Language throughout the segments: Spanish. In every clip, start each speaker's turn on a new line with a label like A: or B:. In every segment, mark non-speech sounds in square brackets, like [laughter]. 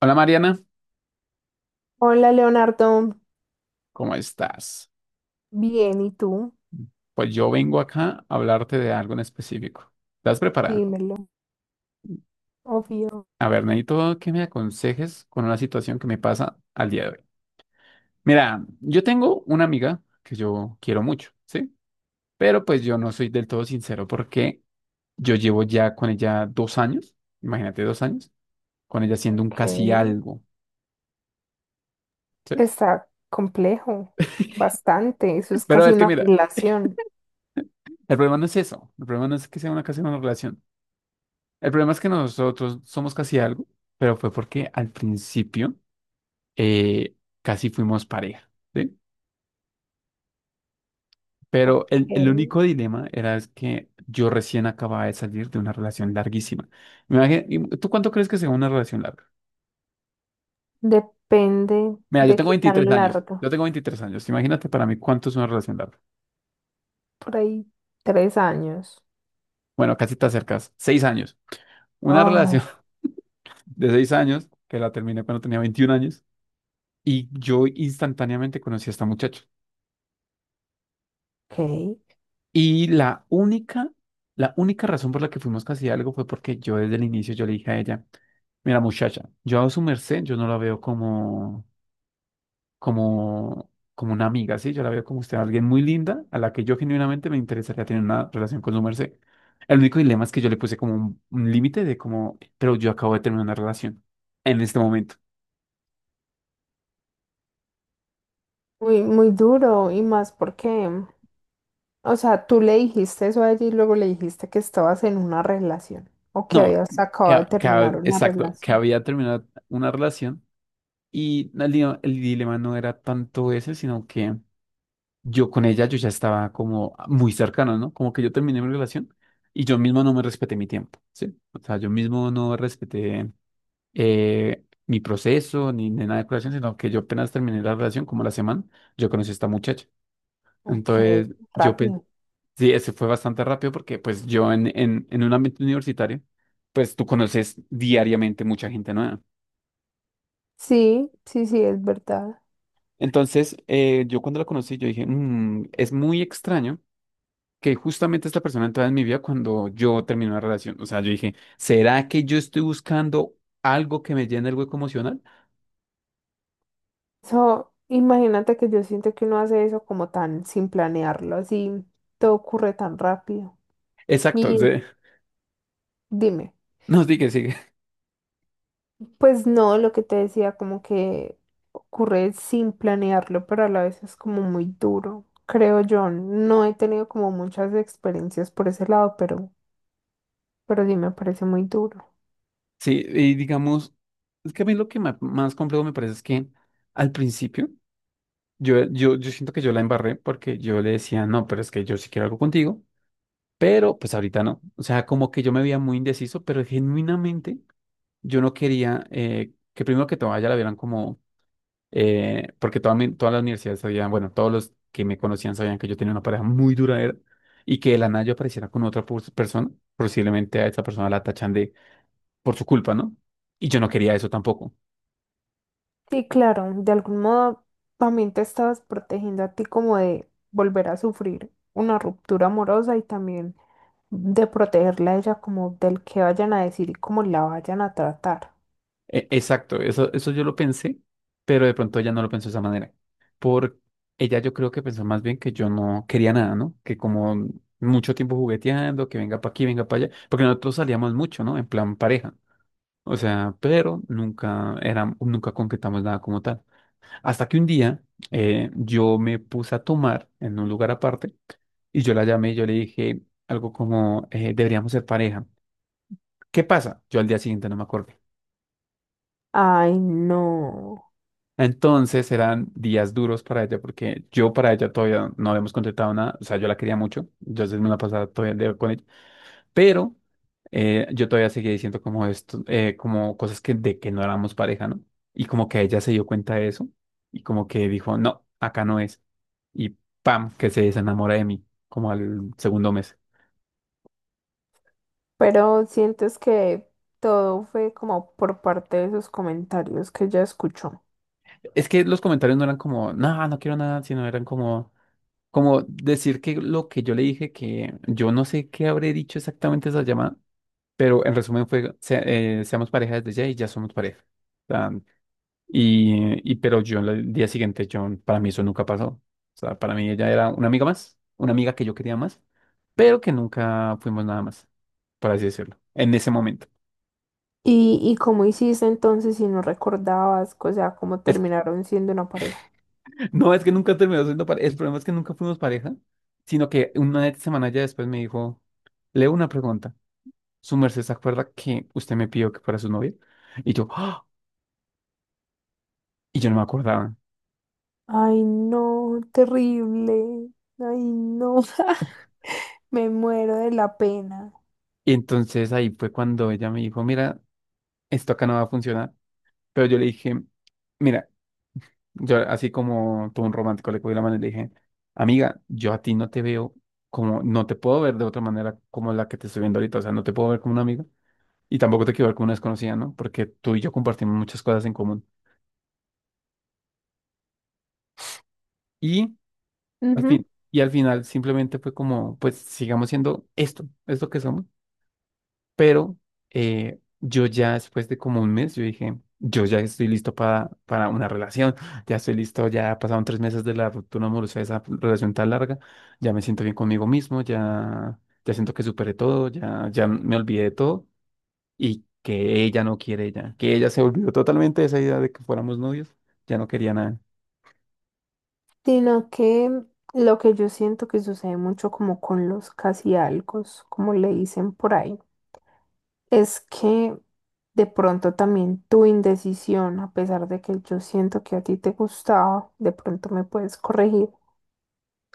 A: Hola Mariana,
B: Hola Leonardo,
A: ¿cómo estás?
B: bien, ¿y tú?
A: Pues yo vengo acá a hablarte de algo en específico. ¿Estás preparada?
B: Dímelo. Obvio.
A: A ver, necesito que me aconsejes con una situación que me pasa al día de hoy. Mira, yo tengo una amiga que yo quiero mucho, ¿sí? Pero pues yo no soy del todo sincero porque yo llevo ya con ella 2 años, imagínate 2 años, con ella siendo un
B: Ok,
A: casi algo, ¿sí?
B: está complejo, bastante, eso es
A: Pero
B: casi
A: es que
B: una
A: mira,
B: relación.
A: el problema no es eso, el problema no es que sea una casi una relación, el problema es que nosotros somos casi algo, pero fue porque al principio... eh, casi fuimos pareja, ¿sí? Pero
B: Ok,
A: el único dilema era es que yo recién acababa de salir de una relación larguísima. ¿Y tú cuánto crees que sea una relación larga?
B: depende
A: Mira, yo
B: de
A: tengo
B: qué tan
A: 23 años,
B: largo,
A: yo tengo 23 años, imagínate para mí cuánto es una relación larga.
B: por ahí tres años.
A: Bueno, casi te acercas, 6 años. Una
B: Ay,
A: relación [laughs] de 6 años, que la terminé cuando tenía 21 años, y yo instantáneamente conocí a esta muchacha.
B: ok,
A: Y la única razón por la que fuimos casi algo fue porque yo desde el inicio yo le dije a ella, mira muchacha, yo a su merced, yo no la veo como, como una amiga, ¿sí? Yo la veo como usted, alguien muy linda a la que yo genuinamente me interesaría tener una relación con su merced. El único dilema es que yo le puse como un límite de como, pero yo acabo de terminar una relación en este momento.
B: muy, muy duro y más porque o sea, tú le dijiste eso a ella y luego le dijiste que estabas en una relación o que
A: No,
B: habías acabado de terminar una
A: exacto, que
B: relación.
A: había terminado una relación y el dilema no era tanto ese, sino que... yo con ella yo ya estaba como muy cercano, ¿no? Como que yo terminé mi relación y yo mismo no me respeté mi tiempo, ¿sí? O sea, yo mismo no respeté mi proceso ni nada de relación, sino que yo apenas terminé la relación, como la semana, yo conocí a esta muchacha.
B: Ok,
A: Entonces, yo pensé,
B: rápido.
A: sí, ese fue bastante rápido porque pues yo en un ambiente universitario, pues tú conoces diariamente mucha gente nueva.
B: Sí, sí, sí, es verdad.
A: Entonces, yo cuando la conocí, yo dije, "Mm, es muy extraño que justamente esta persona entraba en mi vida cuando yo terminé una relación. O sea, yo dije, ¿será que yo estoy buscando algo que me llene el hueco emocional?
B: Eso, imagínate que yo siento que uno hace eso como tan sin planearlo, así todo ocurre tan rápido.
A: Exacto. o
B: Y
A: [laughs]
B: dime,
A: No, sigue, sigue.
B: pues no, lo que te decía, como que ocurre sin planearlo, pero a la vez es como muy duro, creo yo. No he tenido como muchas experiencias por ese lado, pero sí me parece muy duro.
A: Sí, y digamos, es que a mí lo que más complejo me parece es que al principio yo siento que yo la embarré porque yo le decía, no, pero es que yo sí quiero algo contigo, pero pues ahorita no. O sea, como que yo me veía muy indeciso, pero genuinamente yo no quería que primero que todo a ella la vieran como porque toda todas las universidades sabían, bueno, todos los que me conocían sabían que yo tenía una pareja muy duradera y que de la nada yo apareciera con otra persona, posiblemente a esa persona la tachan de por su culpa, ¿no? Y yo no quería eso tampoco.
B: Sí, claro, de algún modo también te estabas protegiendo a ti como de volver a sufrir una ruptura amorosa y también de protegerla a ella como del que vayan a decir y cómo la vayan a tratar.
A: Exacto, eso, eso yo lo pensé, pero de pronto ella no lo pensó de esa manera. Por ella yo creo que pensó más bien que yo no quería nada, ¿no? Que como mucho tiempo jugueteando, que venga para aquí, venga para allá, porque nosotros salíamos mucho, ¿no? En plan pareja. O sea, pero nunca era, nunca concretamos nada como tal. Hasta que un día yo me puse a tomar en un lugar aparte y yo la llamé y yo le dije algo como, deberíamos ser pareja. ¿Qué pasa? Yo al día siguiente no me acuerdo.
B: Ay, no.
A: Entonces eran días duros para ella porque yo para ella todavía no habíamos contratado nada, o sea, yo la quería mucho, yo me la pasaba todavía con ella, pero yo todavía seguía diciendo como esto, como cosas que de que no éramos pareja, ¿no? Y como que ella se dio cuenta de eso y como que dijo, no, acá no es. Y pam, que se desenamora de mí, como al segundo mes.
B: Pero sientes que todo fue como por parte de esos comentarios que ella escuchó.
A: Es que los comentarios no eran como, no, no quiero nada, sino eran como... como decir que lo que yo le dije, que yo no sé qué habré dicho exactamente esa llamada, pero en resumen fue, seamos pareja desde ya y ya somos pareja. O sea, y pero yo el día siguiente, yo, para mí eso nunca pasó. O sea, para mí ella era una amiga más, una amiga que yo quería más, pero que nunca fuimos nada más, por así decirlo, en ese momento.
B: ¿Y cómo hiciste entonces si no recordabas, o sea, ¿cómo
A: Es que-
B: terminaron siendo una pareja?
A: [laughs] no es que nunca terminó siendo pareja, el problema es que nunca fuimos pareja, sino que una semana ya después me dijo, leo una pregunta. Su merced se acuerda que usted me pidió que fuera su novia. Y yo, ¡ah! Y yo no me acordaba.
B: Ay, no, terrible. Ay, no, [laughs] me muero de la pena.
A: Y entonces ahí fue cuando ella me dijo, mira, esto acá no va a funcionar. Pero yo le dije, mira, yo así como todo un romántico le cogí la mano y le dije, amiga, yo a ti no te veo como, no te puedo ver de otra manera como la que te estoy viendo ahorita. O sea, no te puedo ver como una amiga. Y tampoco te quiero ver como una desconocida, ¿no? Porque tú y yo compartimos muchas cosas en común. Y al
B: Ujú.
A: fin, y al final simplemente fue como, pues sigamos siendo esto, esto que somos. Pero yo ya después de como un mes, yo dije, yo ya estoy listo para una relación, ya estoy listo, ya pasaron 3 meses de la ruptura amorosa, de esa relación tan larga, ya me siento bien conmigo mismo, ya, ya siento que superé todo, ya, ya me olvidé de todo y que ella no quiere ya, que ella se olvidó totalmente de esa idea de que fuéramos novios, ya no quería nada.
B: Sino que lo que yo siento que sucede mucho como con los casi algos, como le dicen por ahí, es que de pronto también tu indecisión, a pesar de que yo siento que a ti te gustaba, de pronto me puedes corregir.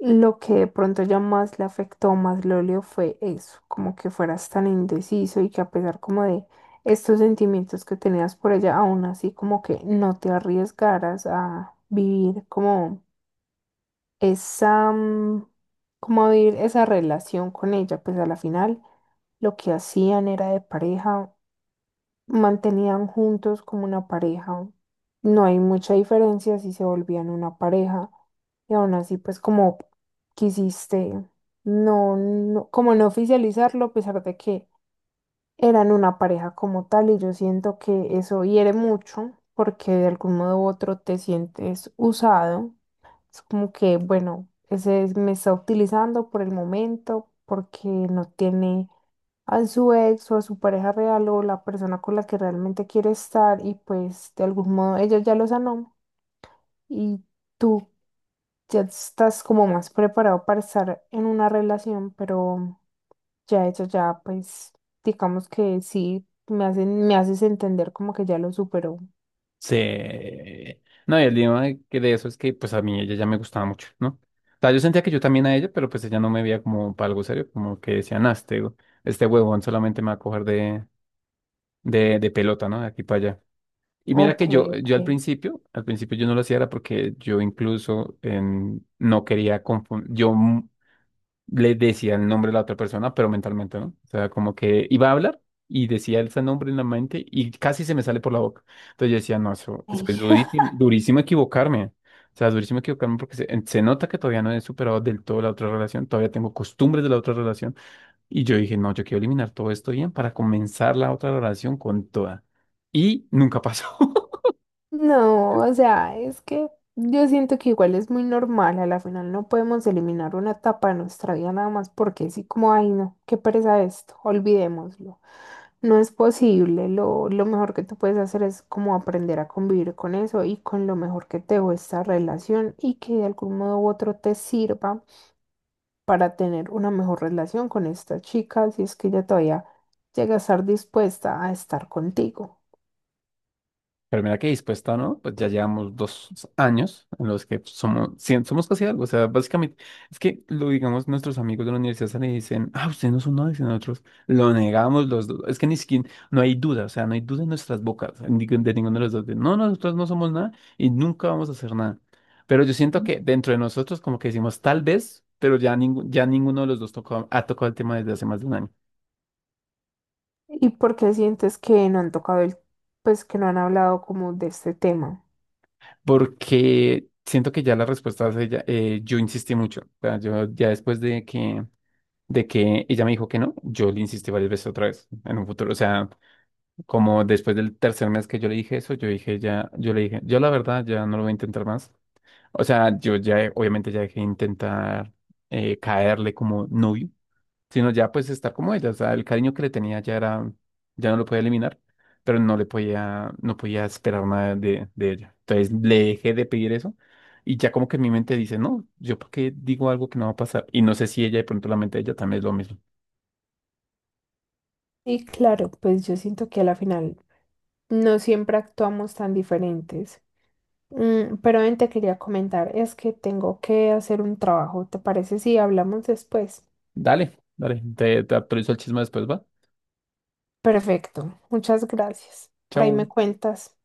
B: Lo que de pronto ya más le afectó, más le olió fue eso, como que fueras tan indeciso y que a pesar como de estos sentimientos que tenías por ella, aún así como que no te arriesgaras a vivir como esa, como vivir esa relación con ella, pues a la final lo que hacían era de pareja, mantenían juntos como una pareja. No hay mucha diferencia si se volvían una pareja y aún así pues como quisiste no como no oficializarlo a pesar de que eran una pareja como tal, y yo siento que eso hiere mucho porque de algún modo u otro te sientes usado. Es como que bueno, me está utilizando por el momento porque no tiene a su ex o a su pareja real o la persona con la que realmente quiere estar, y pues de algún modo ella ya lo sanó y tú ya estás como más preparado para estar en una relación, pero ya eso ya pues digamos que sí me hacen, me haces entender como que ya lo superó.
A: Sí. No, y el tema de que de eso es que pues a mí ella ya me gustaba mucho, ¿no? O sea, yo sentía que yo también a ella, pero pues ella no me veía como para algo serio, como que decía, nah, este huevón solamente me va a coger de pelota, ¿no? De aquí para allá. Y mira
B: Ok,
A: que yo,
B: ok.
A: yo al principio yo no lo hacía era porque yo incluso no quería confundir, yo le decía el nombre de la otra persona, pero mentalmente, ¿no? O sea, como que iba a hablar y decía ese nombre en la mente y casi se me sale por la boca. Entonces yo decía, no, eso es
B: Ey.
A: pues, durísimo, durísimo equivocarme. O sea, durísimo equivocarme porque se nota que todavía no he superado del todo la otra relación, todavía tengo costumbres de la otra relación. Y yo dije, no, yo quiero eliminar todo esto bien para comenzar la otra relación con toda. Y nunca pasó. [laughs]
B: No, o sea, es que yo siento que igual es muy normal, a la final no podemos eliminar una etapa de nuestra vida nada más porque sí, como, ay, no, qué pereza esto, olvidémoslo. No es posible, lo mejor que tú puedes hacer es como aprender a convivir con eso y con lo mejor que te dejó esta relación y que de algún modo u otro te sirva para tener una mejor relación con esta chica si es que ella todavía llega a estar dispuesta a estar contigo.
A: Pero mira qué dispuesta, ¿no? Pues ya llevamos 2 años en los que somos, sí, somos casi algo. O sea, básicamente, es que lo digamos, nuestros amigos de la universidad salen y dicen, ah, ustedes no son nada, y nosotros, lo negamos los dos. Es que ni siquiera, no hay duda, o sea, no hay duda en nuestras bocas, en de ninguno de los dos. De, no, nosotros no somos nada y nunca vamos a hacer nada. Pero yo siento que dentro de nosotros como que decimos, tal vez, pero ya, ya ninguno de los dos tocó, ha tocado el tema desde hace más de un año.
B: ¿Y por qué sientes que no han tocado el, ¿Pues que no han hablado como de este tema?
A: Porque siento que ya la respuesta es ella, yo insistí mucho. O sea, yo ya después de que ella me dijo que no, yo le insistí varias veces otra vez en un futuro. O sea, como después del tercer mes que yo le dije eso, yo dije ya, yo le dije, yo la verdad ya no lo voy a intentar más. O sea, yo ya, obviamente ya dejé de intentar caerle como novio sino ya pues estar como ella, o sea, el cariño que le tenía ya era, ya no lo podía eliminar, pero no le podía, no podía esperar nada de ella. Entonces le dejé de pedir eso y ya como que en mi mente dice, no, yo por qué digo algo que no va a pasar y no sé si ella de pronto la mente de ella también es lo mismo.
B: Y claro, pues yo siento que a la final no siempre actuamos tan diferentes. Mm, pero ven, te quería comentar, es que tengo que hacer un trabajo, ¿te parece si hablamos después?
A: Dale, dale, te actualizo el chisme después, va.
B: Perfecto, muchas gracias. Por ahí me
A: Chau.
B: cuentas.